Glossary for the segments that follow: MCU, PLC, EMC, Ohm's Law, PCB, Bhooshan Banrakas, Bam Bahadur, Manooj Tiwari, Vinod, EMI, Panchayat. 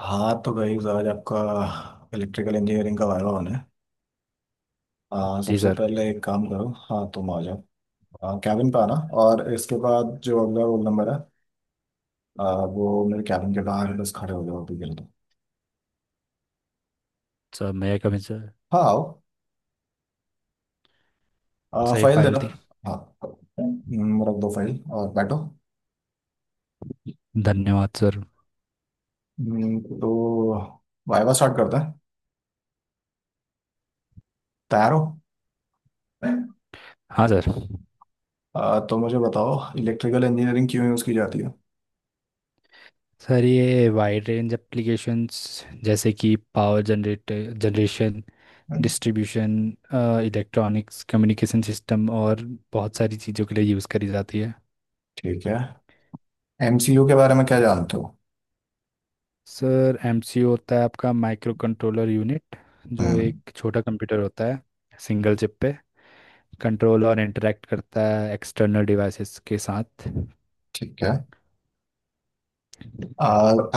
हाँ तो भाई, आज आपका इलेक्ट्रिकल इंजीनियरिंग का वायवा होना है। हाँ, जी सबसे सर। पहले एक काम करो, हाँ तुम आ जाओ। हाँ, कैबिन पे आना। और इसके बाद जो अगला रोल नंबर है, वो मेरे कैबिन के बाहर है, बस खड़े हो जाओ अभी के लिए तो। सर मेरे कभी सर। हाँ, आओ। सही फाइल फाइल देना। थी। हाँ। रख दो फाइल और बैठो। धन्यवाद सर। तो वायवा स्टार्ट करते हैं। तैयार हो? हाँ सर। तो मुझे बताओ इलेक्ट्रिकल इंजीनियरिंग क्यों यूज़ की जाती है। सर ये वाइड रेंज एप्लीकेशंस जैसे कि power generator generation, distribution, electronics communication system और बहुत सारी चीज़ों के लिए यूज़ करी जाती है। ठीक है। एमसीयू के बारे में क्या जानते हो? सर एमसीयू होता है आपका माइक्रो कंट्रोलर यूनिट, जो हम्म। एक छोटा कंप्यूटर होता है सिंगल चिप पे। कंट्रोल और इंटरेक्ट करता है एक्सटर्नल डिवाइसेस के साथ। ठीक है।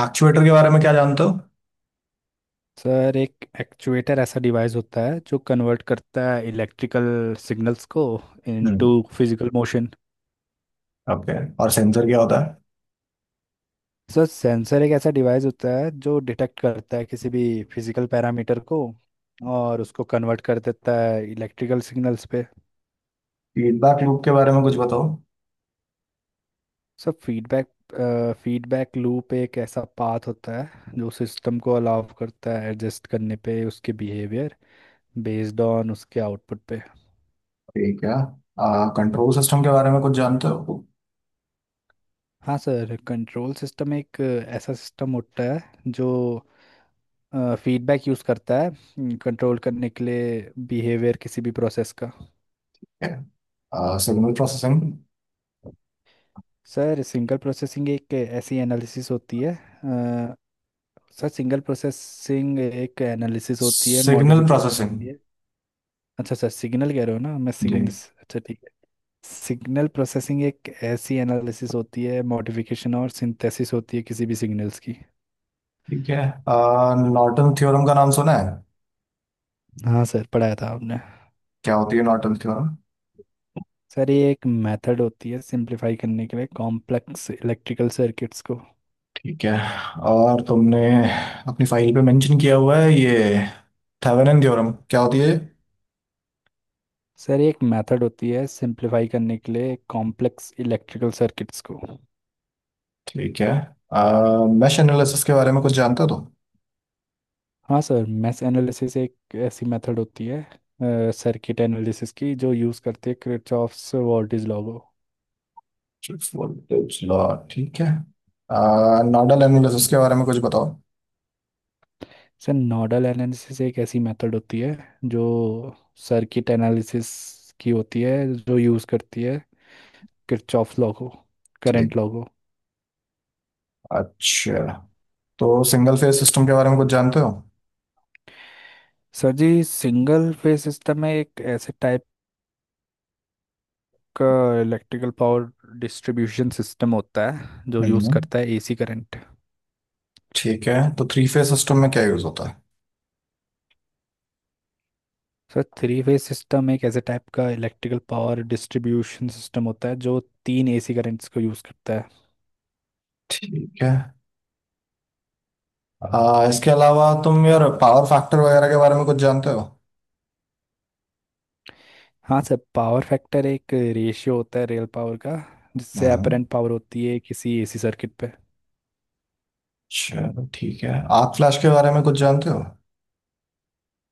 एक्चुएटर के बारे में क्या जानते हो? सर एक एक्चुएटर ऐसा डिवाइस होता है जो कन्वर्ट करता है इलेक्ट्रिकल सिग्नल्स को hmm. Into physical motion. Okay. और सेंसर क्या होता है? सर सेंसर एक ऐसा डिवाइस होता है जो डिटेक्ट करता है किसी भी फिजिकल पैरामीटर को, और उसको कन्वर्ट कर देता है इलेक्ट्रिकल सिग्नल्स पे। फीडबैक लूप के बारे में कुछ बताओ। सर फीडबैक फीडबैक लूप एक ऐसा पाथ होता है जो सिस्टम को अलाउ करता है एडजस्ट करने पे उसके बिहेवियर बेस्ड ऑन उसके आउटपुट पे। ठीक है। कंट्रोल सिस्टम के बारे में कुछ जानते हो? हाँ सर, कंट्रोल सिस्टम एक ऐसा सिस्टम होता है जो फीडबैक यूज़ करता है कंट्रोल करने के लिए बिहेवियर किसी भी प्रोसेस का। Okay. Signal processing. Sir single processing एक ऐसी एनालिसिस होती है सर सिंगल प्रोसेसिंग एक एनालिसिस होती है सिग्नल मॉडिफिकेशन प्रोसेसिंग। होती है। अच्छा, सर सिग्नल कह रहे हो ना, मैं जी। सिग्नल। अच्छा ठीक है। सिग्नल प्रोसेसिंग एक ऐसी एनालिसिस होती है, मॉडिफिकेशन और सिंथेसिस होती है किसी भी सिग्नल्स की। ठीक है। नॉर्टन थ्योरम का नाम सुना है? हाँ सर, पढ़ाया था आपने। क्या होती है नॉर्टन थ्योरम? सर ये एक मेथड होती है सिंप्लीफाई करने के लिए कॉम्प्लेक्स इलेक्ट्रिकल सर्किट्स को। ठीक है। और तुमने अपनी फाइल पे मेंशन किया हुआ है ये थेवेनिन थ्योरम, क्या होती है ये? सर ये एक मेथड होती है सिंप्लीफाई करने के लिए कॉम्प्लेक्स इलेक्ट्रिकल सर्किट्स को। ठीक है। मैश एनालिसिस के बारे में कुछ जानते हो तुम? हाँ सर, मैश एनालिसिस एक ऐसी मेथड होती है सर्किट एनालिसिस की जो यूज़ करते हैं किरचॉफ्स वोल्टेज लॉ को। सिर्फ voltage law, ठीक है। नोडल एनालिसिस के बारे में कुछ बताओ। सर नोडल एनालिसिस एक ऐसी मेथड होती है जो सर्किट एनालिसिस की होती है, जो यूज़ करती है किरचॉफ लॉ को, ठीक। करंट लॉ को। अच्छा, तो सिंगल फेज सिस्टम के बारे में कुछ जानते हो? सर जी, सिंगल फेज सिस्टम में एक ऐसे टाइप का इलेक्ट्रिकल पावर डिस्ट्रीब्यूशन सिस्टम होता है जो यूज़ हम्म। करता है एसी करंट। ठीक है, तो थ्री फेज सिस्टम में क्या यूज होता है? सर थ्री फेज सिस्टम एक ऐसे टाइप का इलेक्ट्रिकल पावर डिस्ट्रीब्यूशन सिस्टम होता है जो तीन एसी करंट्स को यूज़ करता है। ठीक है। इसके अलावा तुम यार पावर फैक्टर वगैरह के बारे में कुछ जानते हो? हाँ सर, पावर फैक्टर एक रेशियो होता है रियल पावर का जिससे हम्म। अपरेंट पावर होती है किसी एसी सर्किट पे। चलो ठीक है। आर्क फ्लैश के बारे में कुछ जानते हो?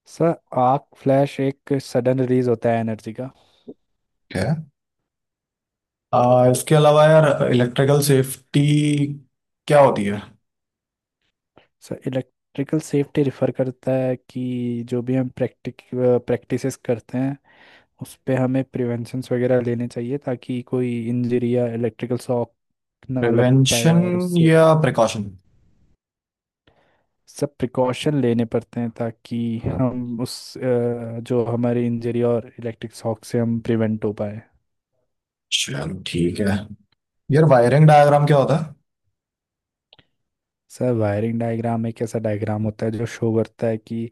सर आर्क फ्लैश एक सडन रिलीज होता है एनर्जी का। इसके अलावा यार इलेक्ट्रिकल सेफ्टी क्या होती है? सर इलेक्ट्रिकल सेफ्टी रिफर करता है कि जो भी हम प्रैक्टिक प्रैक्टिसेस करते हैं उस पे हमें प्रिवेंशंस वगैरह लेने चाहिए ताकि कोई इंजरी या इलेक्ट्रिकल शॉक ना लग पाए प्रिवेंशन और उससे। या प्रिकॉशन? सब प्रिकॉशन लेने पड़ते हैं ताकि हम उस जो हमारी इंजरी और इलेक्ट्रिक शॉक से हम प्रिवेंट हो पाए। चलो ठीक है। यार, वायरिंग डायग्राम क्या होता है? सर वायरिंग डायग्राम एक ऐसा डायग्राम होता है जो शो करता है कि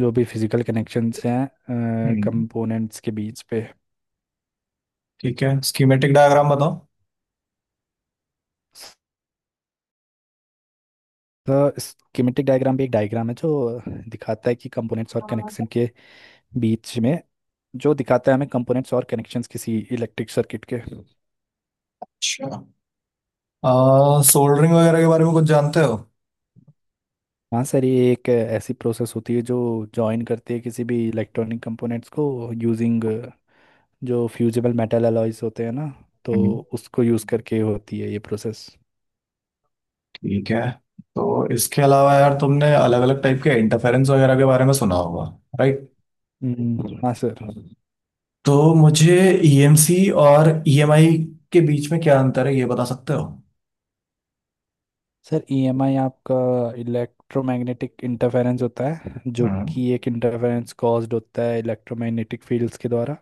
जो भी फिजिकल कनेक्शंस हैं हम्म, कंपोनेंट्स के बीच पे। ठीक है। स्कीमेटिक डायग्राम बताओ। तो स्कीमेटिक डायग्राम भी एक डायग्राम है जो दिखाता है कि कंपोनेंट्स और कनेक्शन के बीच में, जो दिखाता है हमें कंपोनेंट्स और कनेक्शंस किसी इलेक्ट्रिक सर्किट के। अच्छा। सोल्डरिंग वगैरह के बारे में कुछ जानते हो? हाँ सर, ये एक ऐसी प्रोसेस होती है जो जॉइन करती है किसी भी इलेक्ट्रॉनिक कंपोनेंट्स को यूजिंग जो फ्यूजिबल मेटल अलॉयज होते हैं ना, तो हम्म, उसको यूज़ करके होती है ये प्रोसेस। ठीक है। तो इसके अलावा यार तुमने अलग अलग टाइप के इंटरफेरेंस वगैरह के बारे में सुना होगा, राइट? हाँ सर। तो मुझे ईएमसी और ईएमआई के बीच में क्या अंतर है ये बता सकते हो? सर ईएमआई आपका इलेक्ट्रोमैग्नेटिक इंटरफेरेंस होता है जो हम्म, कि एक इंटरफेरेंस कॉज्ड होता है इलेक्ट्रोमैग्नेटिक फील्ड्स के द्वारा।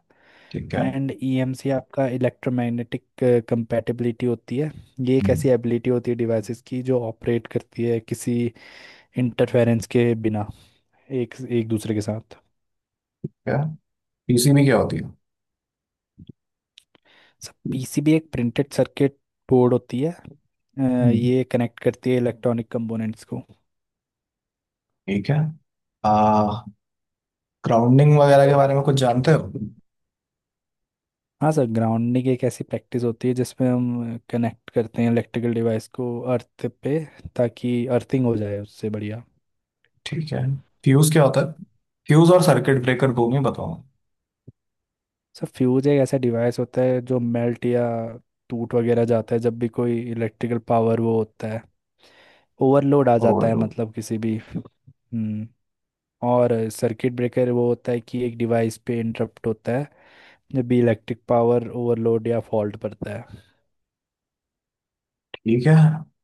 ठीक है। एंड ईएमसी आपका इलेक्ट्रोमैग्नेटिक कंपैटिबिलिटी होती है। ये एक हम्म, ऐसी एबिलिटी होती है डिवाइसेस की जो ऑपरेट करती है किसी इंटरफेरेंस के बिना एक एक दूसरे के साथ। ठीक है। पीसी में क्या होती है? सर पीसीबी एक प्रिंटेड सर्किट बोर्ड होती है। हम्म, ये कनेक्ट करती है इलेक्ट्रॉनिक कंपोनेंट्स को। ठीक है। आ, ग्राउंडिंग वगैरह के बारे में कुछ जानते हो? हाँ सर, ग्राउंडिंग एक ऐसी प्रैक्टिस होती है जिसमें हम कनेक्ट करते हैं इलेक्ट्रिकल डिवाइस को अर्थ पे, ताकि अर्थिंग हो जाए उससे बढ़िया। ठीक है। फ्यूज क्या होता है? फ्यूज और सर्किट ब्रेकर, दो में बताओ। सर फ्यूज एक ऐसा डिवाइस होता है जो मेल्ट या टूट वगैरह जाता है जब भी कोई इलेक्ट्रिकल पावर वो होता है ओवरलोड आ जाता है, ओवरलोड। मतलब किसी भी हम्म। और सर्किट ब्रेकर वो होता है कि एक डिवाइस पे इंटरप्ट होता है जब भी इलेक्ट्रिक पावर ओवरलोड या फॉल्ट पड़ता है। ठीक है।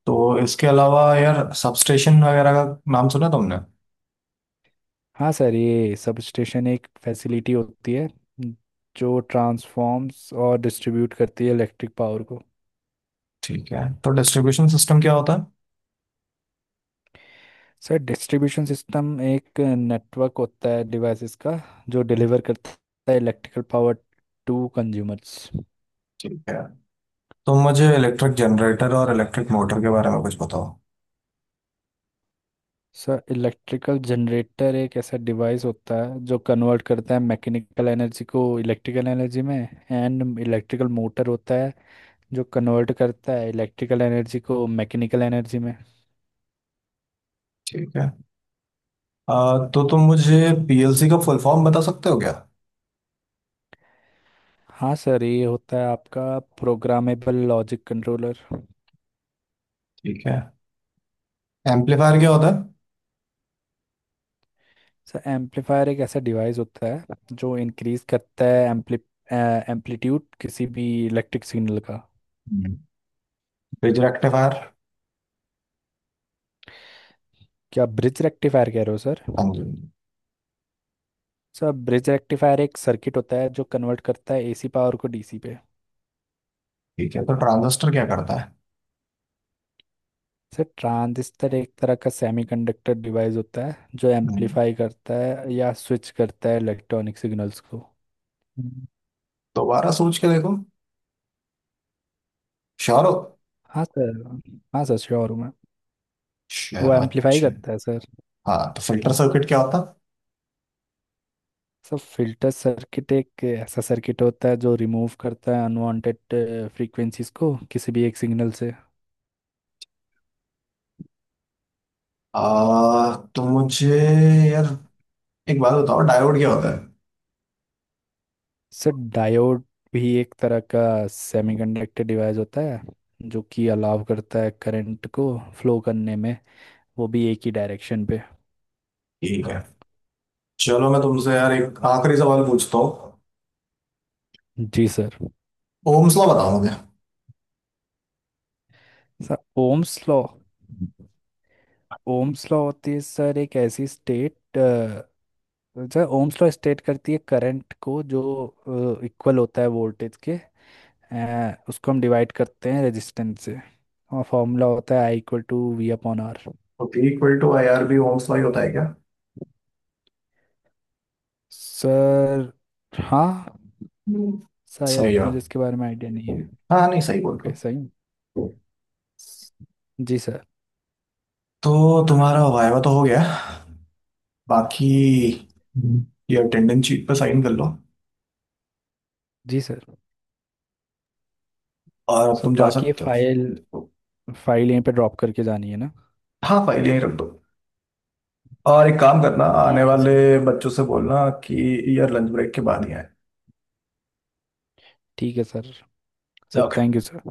तो इसके अलावा यार सबस्टेशन वगैरह का नाम सुना तुमने? हाँ सर, ये सब स्टेशन एक फैसिलिटी होती है जो ट्रांसफॉर्म्स और डिस्ट्रीब्यूट करती है इलेक्ट्रिक पावर को। ठीक है, तो डिस्ट्रीब्यूशन सिस्टम क्या होता सर डिस्ट्रीब्यूशन सिस्टम एक नेटवर्क होता है डिवाइसेस का जो है? डिलीवर करता है इलेक्ट्रिकल पावर टू कंज्यूमर्स। ठीक है, तो मुझे इलेक्ट्रिक जनरेटर और इलेक्ट्रिक मोटर के बारे में कुछ बताओ। सर इलेक्ट्रिकल जनरेटर एक ऐसा डिवाइस होता है जो कन्वर्ट करता है मैकेनिकल एनर्जी को इलेक्ट्रिकल एनर्जी में। एंड इलेक्ट्रिकल मोटर होता है जो कन्वर्ट करता है इलेक्ट्रिकल एनर्जी को मैकेनिकल एनर्जी में। ठीक है। तो तुम मुझे पीएलसी का फुल फॉर्म बता सकते हो क्या? हाँ सर, ये होता है आपका प्रोग्रामेबल लॉजिक कंट्रोलर। ठीक है। एम्पलीफायर क्या होता सर एम्पलीफायर एक ऐसा डिवाइस होता है जो इंक्रीज करता है एम्पलीट्यूड किसी भी इलेक्ट्रिक सिग्नल का। है? रिजरेक्टिव आयर। क्या ब्रिज रेक्टिफायर कह रहे हो सर? हाँ जी। सर ब्रिज रेक्टिफायर एक सर्किट होता है जो कन्वर्ट करता है एसी पावर को डीसी पे। ठीक है, तो ट्रांजिस्टर क्या करता है? सर ट्रांजिस्टर एक तरह का सेमीकंडक्टर डिवाइस होता है जो हम्म। एम्पलीफाई करता है या स्विच करता है इलेक्ट्रॉनिक सिग्नल्स को। दोबारा सोच के देखो। श्योर हो? हाँ सर। हाँ सर, श्योर हूँ मैं। वो श्योर? एम्पलीफाई अच्छा। करता है सर। हाँ, तो फिल्टर हाँ। सर्किट क्या होता? सब फिल्टर सर्किट एक ऐसा सर्किट होता है जो रिमूव करता है अनवांटेड फ्रीक्वेंसीज को किसी भी एक सिग्नल से। तो मुझे यार एक बात बताओ, डायोड क्या होता है? सर डायोड भी एक तरह का सेमीकंडक्टर डिवाइस होता है जो कि अलाव करता है करंट को फ्लो करने में, वो भी एक ही डायरेक्शन पे। ठीक है। चलो, मैं तुमसे यार एक आखिरी सवाल पूछता हूँ। जी सर। ओम्स लॉ बताओ मुझे। Sir Ohm's law, Ohm's law होती है सर एक ऐसी state. Sir Ohm's law state करती है करंट को जो इक्वल होता है वोल्टेज के, उसको हम डिवाइड करते हैं रेजिस्टेंस से, और फॉर्मूला होता है I equal to V upon R. तो P equal to I R बी ओम्स लॉ ही होता है क्या? सर हाँ। हम्म। शायद सही है। मुझे इसके बारे में आइडिया नहीं है। हाँ नहीं, सही बोल रहे ओके सही। हो। जी सर। तो तुम्हारा वाइवा तो हो गया। बाकी ये अटेंडेंस शीट पे साइन कर लो। जी सर। और अब सर तुम जा बाकी ये सकते फाइल। हो। फाइल यहीं पे ड्रॉप करके जानी है ना? हाँ, फाइल यहीं रख दो। और एक काम करना, आने ठीक है वाले सर। बच्चों से बोलना कि यार लंच ब्रेक के बाद ही आए। ठीक है sir. Sir okay. Thank you sir.